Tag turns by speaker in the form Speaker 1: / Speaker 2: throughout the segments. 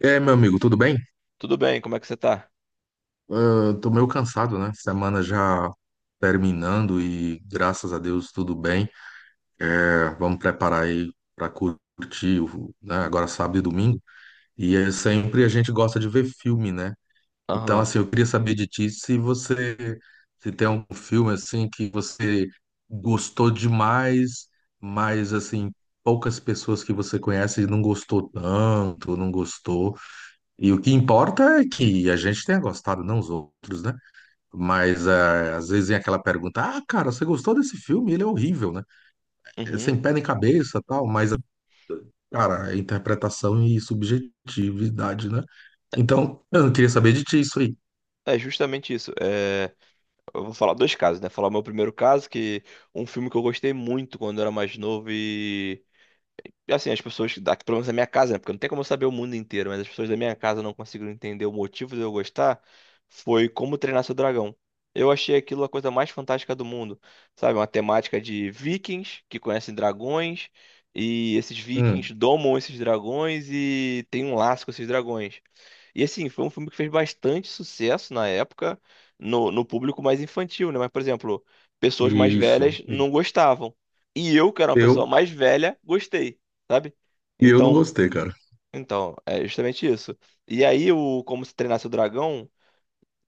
Speaker 1: E aí, meu amigo, tudo bem?
Speaker 2: Tudo bem, como é que você tá?
Speaker 1: Ah, tô meio cansado, né? Semana já terminando e graças a Deus tudo bem. É, vamos preparar aí para curtir, né? Agora sábado e domingo. E é sempre a gente gosta de ver filme, né? Então,
Speaker 2: Aham.
Speaker 1: assim, eu queria saber de ti se você se tem um filme assim que você gostou demais, mas assim poucas pessoas que você conhece não gostou tanto, não gostou. E o que importa é que a gente tenha gostado, não os outros, né? Mas é, às vezes vem aquela pergunta: ah, cara, você gostou desse filme? Ele é horrível, né? É
Speaker 2: Uhum.
Speaker 1: sem pé nem cabeça, tal, mas, cara, é interpretação e subjetividade, né? Então, eu não queria saber de ti isso aí.
Speaker 2: É justamente isso. É, Eu vou falar dois casos, né? Falar o meu primeiro caso, que um filme que eu gostei muito quando eu era mais novo assim, as pessoas daqui, pelo menos da minha casa, né? Porque não tem como eu saber o mundo inteiro, mas as pessoas da minha casa não conseguiram entender o motivo de eu gostar, foi Como Treinar Seu Dragão. Eu achei aquilo a coisa mais fantástica do mundo, sabe? Uma temática de vikings que conhecem dragões, e esses
Speaker 1: Hum,
Speaker 2: vikings domam esses dragões e tem um laço com esses dragões. E assim, foi um filme que fez bastante sucesso na época no público mais infantil, né? Mas, por exemplo, pessoas mais
Speaker 1: isso.
Speaker 2: velhas não gostavam. E eu, que era uma pessoa
Speaker 1: Eu,
Speaker 2: mais velha, gostei, sabe?
Speaker 1: e eu não
Speaker 2: Então,
Speaker 1: gostei, cara.
Speaker 2: então, é justamente isso. E aí o Como Se Treinasse o Dragão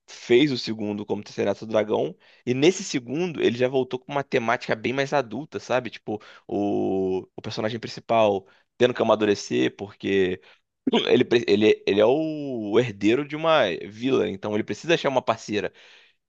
Speaker 2: fez o segundo Como Se Treinasse o Dragão, e nesse segundo ele já voltou com uma temática bem mais adulta, sabe? Tipo, o personagem principal tendo que amadurecer porque ele é o herdeiro de uma vila, então ele precisa achar uma parceira.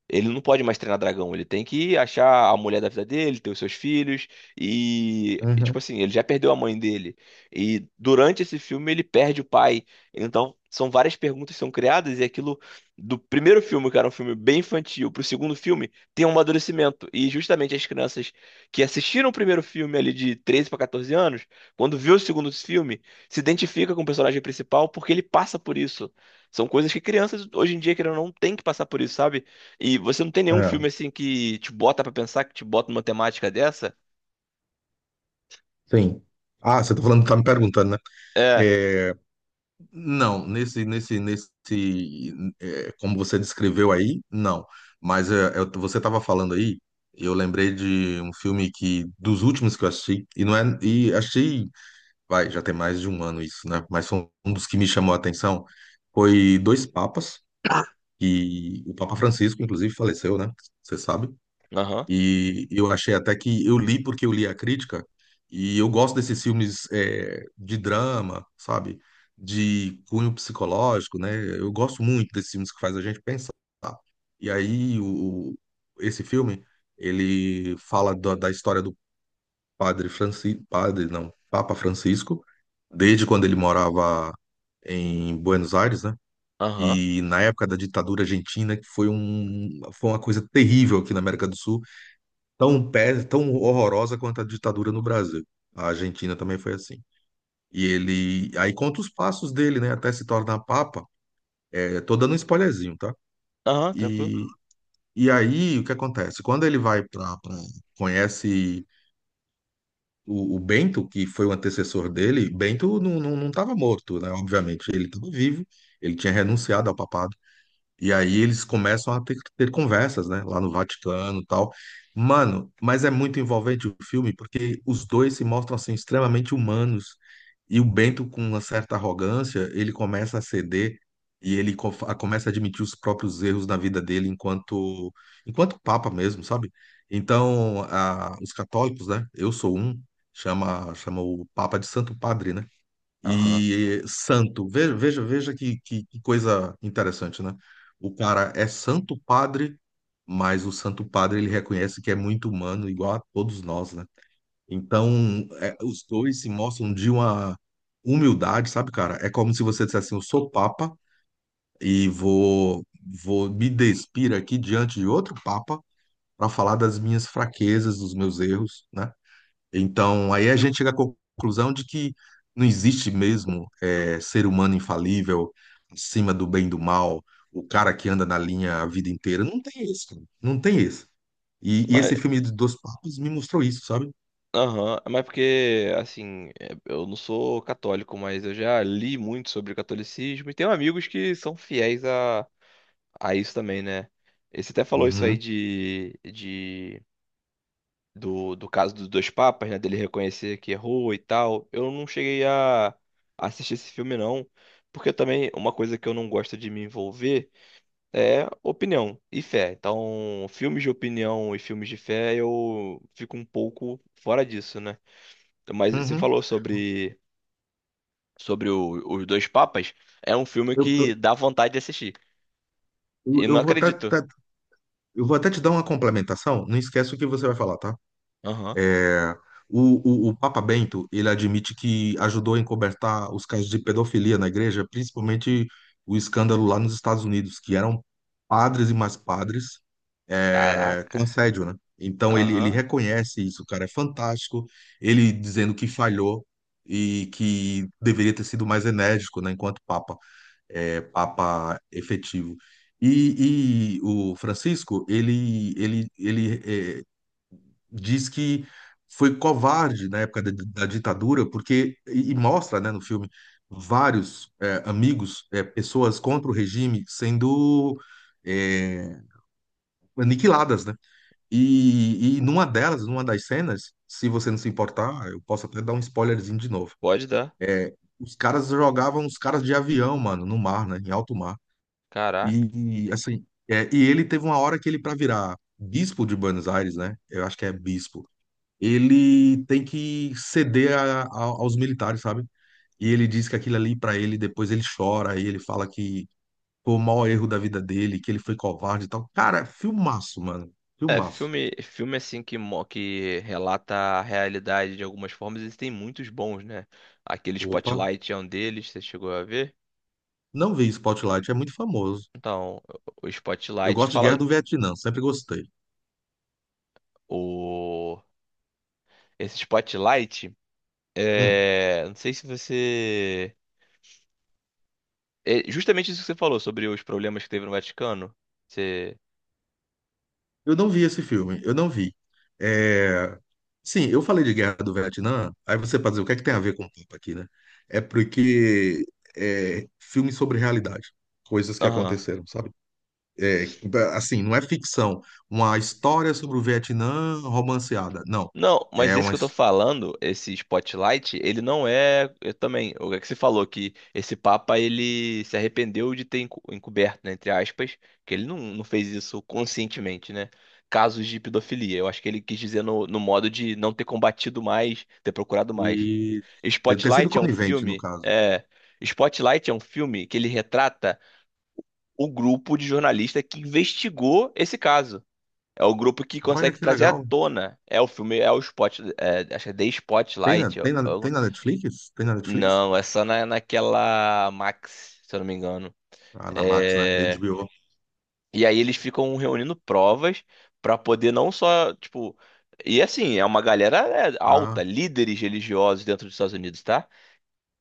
Speaker 2: Ele não pode mais treinar dragão, ele tem que achar a mulher da vida dele, ter os seus filhos, tipo
Speaker 1: Uhum.
Speaker 2: assim, ele já perdeu a mãe dele. E durante esse filme ele perde o pai. Então, são várias perguntas que são criadas, e aquilo do primeiro filme, que era um filme bem infantil, pro segundo filme, tem um amadurecimento. E justamente as crianças que assistiram o primeiro filme ali de 13 para 14 anos, quando viu o segundo filme, se identifica com o personagem principal porque ele passa por isso. São coisas que crianças hoje em dia, querendo ou não, têm que passar por isso, sabe? E você não tem nenhum
Speaker 1: É,
Speaker 2: filme assim que te bota pra pensar, que te bota numa temática dessa?
Speaker 1: sim. Ah, você tá falando, tá me perguntando, né?
Speaker 2: É.
Speaker 1: É, não, nesse, é, como você descreveu aí, não. Mas você estava falando aí, eu lembrei de um filme que dos últimos que eu assisti e não é, e achei, vai, já tem mais de um ano isso, né? Mas foi um dos que me chamou a atenção foi Dois Papas, e o Papa Francisco, inclusive, faleceu, né? Você sabe?
Speaker 2: Aham.
Speaker 1: E eu achei até que eu li, porque eu li a crítica, e eu gosto desses filmes é, de drama, sabe? De cunho psicológico, né? Eu gosto muito desses filmes que faz a gente pensar. E aí esse filme, ele fala da história do padre Francisco, padre não, Papa Francisco, desde quando ele morava em Buenos Aires, né?
Speaker 2: Aham.
Speaker 1: E na época da ditadura argentina, que foi um, foi uma coisa terrível aqui na América do Sul, tão pé, tão horrorosa quanto a ditadura no Brasil. A Argentina também foi assim. E ele aí conta os passos dele, né, até se tornar papa. É, tô dando um spoilerzinho, tá?
Speaker 2: Aham, tranquilo.
Speaker 1: E, e aí o que acontece? Quando ele vai para conhece o Bento, que foi o antecessor dele, Bento não estava morto, né? Obviamente, ele estava vivo. Ele tinha renunciado ao papado. E aí eles começam a ter conversas, né, lá no Vaticano e tal. Mano, mas é muito envolvente o filme, porque os dois se mostram assim extremamente humanos, e o Bento, com uma certa arrogância, ele começa a ceder e ele começa a admitir os próprios erros na vida dele enquanto papa mesmo, sabe? Então, os católicos, né? Eu sou um, chama o Papa de Santo Padre, né?
Speaker 2: Aham.
Speaker 1: E santo. Veja que, que coisa interessante, né? O cara é santo padre, mas o santo padre, ele reconhece que é muito humano, igual a todos nós, né? Então, é, os dois se mostram de uma humildade, sabe, cara? É como se você dissesse assim, eu sou papa e vou me despir aqui diante de outro papa para falar das minhas fraquezas, dos meus erros, né? Então, aí a gente chega à conclusão de que não existe mesmo ser humano infalível, acima do bem e do mal, o cara que anda na linha a vida inteira. Não tem isso, cara. Não tem isso. E esse
Speaker 2: Mas,
Speaker 1: filme de Dois Papas me mostrou isso, sabe?
Speaker 2: aham. Mas porque, assim, é, eu não sou católico, mas eu já li muito sobre catolicismo e tenho amigos que são fiéis a isso também, né? E você até falou isso aí
Speaker 1: Uhum,
Speaker 2: de do caso dos dois papas, né? Dele reconhecer que errou e tal. Eu não cheguei a assistir esse filme, não. Porque também uma coisa que eu não gosto de me envolver é opinião e fé. Então, filmes de opinião e filmes de fé, eu fico um pouco fora disso, né? Mas você
Speaker 1: uhum.
Speaker 2: falou sobre, sobre os dois papas. É um filme
Speaker 1: Eu,
Speaker 2: que dá vontade de assistir.
Speaker 1: eu,
Speaker 2: E
Speaker 1: eu
Speaker 2: não
Speaker 1: vou
Speaker 2: acredito.
Speaker 1: eu vou até te dar uma complementação. Não esquece o que você vai falar, tá?
Speaker 2: Aham.
Speaker 1: O Papa Bento, ele admite que ajudou a encobertar os casos de pedofilia na igreja, principalmente o escândalo lá nos Estados Unidos, que eram padres e mais padres é, com
Speaker 2: Caraca.
Speaker 1: assédio, né? Então ele
Speaker 2: Aham.
Speaker 1: reconhece isso, cara, é fantástico. Ele dizendo que falhou e que deveria ter sido mais enérgico, né, enquanto Papa, é, Papa efetivo. E o Francisco, ele é, diz que foi covarde na época da, da ditadura, porque, e mostra, né, no filme, vários é, amigos, é, pessoas contra o regime sendo é, aniquiladas, né? E numa delas, numa das cenas, se você não se importar, eu posso até dar um spoilerzinho de novo.
Speaker 2: Pode dar.
Speaker 1: Os caras jogavam os caras de avião, mano, no mar, né, em alto mar.
Speaker 2: Caraca.
Speaker 1: Assim, é, e ele teve uma hora que ele, para virar bispo de Buenos Aires, né? Eu acho que é bispo, ele tem que ceder aos militares, sabe? E ele diz que aquilo ali pra ele, depois ele chora, e ele fala que foi o maior erro da vida dele, que ele foi covarde e tal. Cara, é filmaço, mano.
Speaker 2: É,
Speaker 1: Filmaço.
Speaker 2: filme, filme assim que, que relata a realidade de algumas formas, existem muitos bons, né? Aquele
Speaker 1: Opa,
Speaker 2: Spotlight é um deles, você chegou a ver?
Speaker 1: não vi Spotlight, é muito famoso.
Speaker 2: Então, o
Speaker 1: Eu
Speaker 2: Spotlight
Speaker 1: gosto de Guerra
Speaker 2: fala
Speaker 1: do Vietnã, sempre gostei.
Speaker 2: o esse Spotlight,
Speaker 1: Hum,
Speaker 2: é, não sei se você, é justamente isso que você falou sobre os problemas que teve no Vaticano. Você,
Speaker 1: eu não vi esse filme, eu não vi. É... Sim, eu falei de Guerra do Vietnã, aí você pode dizer, o que é que tem a ver com o papo aqui, né? É porque é filme sobre realidade, coisas que
Speaker 2: aham.
Speaker 1: aconteceram, sabe? É, assim, não é ficção, uma história sobre o Vietnã romanceada. Não.
Speaker 2: Não, mas
Speaker 1: É
Speaker 2: esse
Speaker 1: uma.
Speaker 2: que eu tô falando, esse Spotlight, ele não é. Eu também. O que você falou que esse Papa ele se arrependeu de ter encoberto, né, entre aspas, que ele não fez isso conscientemente, né? Casos de pedofilia. Eu acho que ele quis dizer no modo de não ter combatido mais, ter procurado mais.
Speaker 1: Isso. Tem sido
Speaker 2: Spotlight é um
Speaker 1: conivente, no
Speaker 2: filme.
Speaker 1: caso.
Speaker 2: É, Spotlight é um filme que ele retrata o grupo de jornalista que investigou esse caso. É o grupo que
Speaker 1: Olha
Speaker 2: consegue
Speaker 1: que
Speaker 2: trazer à
Speaker 1: legal.
Speaker 2: tona. É o filme, acho que é The
Speaker 1: Tem na,
Speaker 2: Spotlight.
Speaker 1: tem na Netflix? Tem na Netflix?
Speaker 2: Não, é só na, naquela Max, se eu não me engano.
Speaker 1: Ah, na Max, né?
Speaker 2: É,
Speaker 1: HBO.
Speaker 2: E aí eles ficam reunindo provas pra poder não só, tipo... E assim, é uma galera, é, alta,
Speaker 1: Ah,
Speaker 2: líderes religiosos dentro dos Estados Unidos, tá?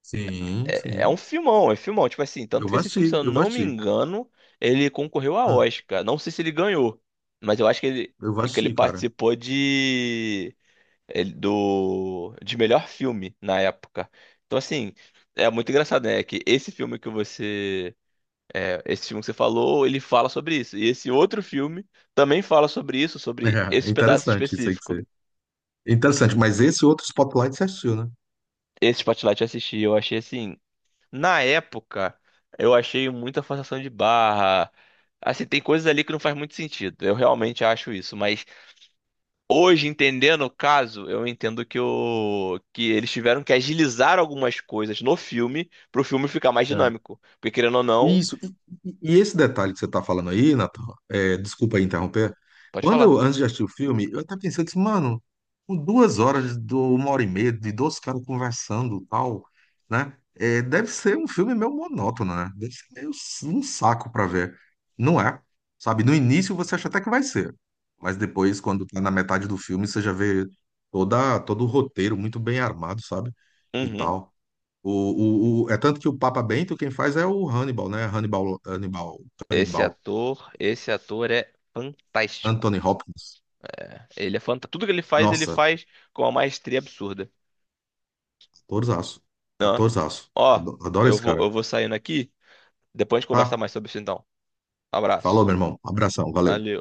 Speaker 1: sim,
Speaker 2: É, é
Speaker 1: sim.
Speaker 2: um filmão, é filmão. Tipo assim, tanto que esse filme, se eu
Speaker 1: Eu vou
Speaker 2: não me
Speaker 1: assistir.
Speaker 2: engano, ele concorreu a
Speaker 1: Ah,
Speaker 2: Oscar. Não sei se ele ganhou, mas eu acho
Speaker 1: eu vou
Speaker 2: que ele
Speaker 1: assistir, cara.
Speaker 2: participou de... ele- do de melhor filme na época. Então, assim, é muito engraçado, né? Que esse filme que você. É, esse filme que você falou, ele fala sobre isso. E esse outro filme também fala sobre isso, sobre
Speaker 1: É,
Speaker 2: esse pedaço
Speaker 1: interessante isso aí que
Speaker 2: específico.
Speaker 1: você. Interessante, mas esse outro Spotlight você assistiu,
Speaker 2: Esse Spotlight eu assisti, eu achei assim. Na época, eu achei muita forçação de barra. Assim, tem coisas ali que não faz muito sentido. Eu realmente acho isso, mas hoje, entendendo o caso, eu entendo que o, que eles tiveram que agilizar algumas coisas no filme pro filme ficar mais
Speaker 1: né?
Speaker 2: dinâmico. Porque querendo ou não,
Speaker 1: Isso. E, e esse detalhe que você está falando aí, Nathan, é, desculpa aí interromper.
Speaker 2: pode
Speaker 1: Quando
Speaker 2: falar.
Speaker 1: eu, antes de assistir o filme, eu estava pensando assim, mano, com duas horas, do, uma hora e meia, de dois caras conversando e tal, né? É, deve ser um filme meio monótono, né? Deve ser meio um saco para ver. Não é? Sabe, no início você acha até que vai ser, mas depois, quando tá na metade do filme, você já vê todo o roteiro muito bem armado, sabe? E
Speaker 2: Uhum.
Speaker 1: tal. É tanto que o Papa Bento quem faz é o Hannibal, né? Hannibal, Hannibal, Hannibal,
Speaker 2: Esse ator é fantástico.
Speaker 1: Anthony Hopkins.
Speaker 2: Ele é fantástico. Tudo que ele
Speaker 1: Nossa,
Speaker 2: faz com uma maestria absurda.
Speaker 1: atorzaço, atorzaço.
Speaker 2: Ó,
Speaker 1: Adoro esse cara.
Speaker 2: eu vou saindo aqui. Depois a gente conversa
Speaker 1: Tá?
Speaker 2: mais sobre isso então.
Speaker 1: Falou,
Speaker 2: Abraço.
Speaker 1: meu irmão. Abração, valeu.
Speaker 2: Valeu.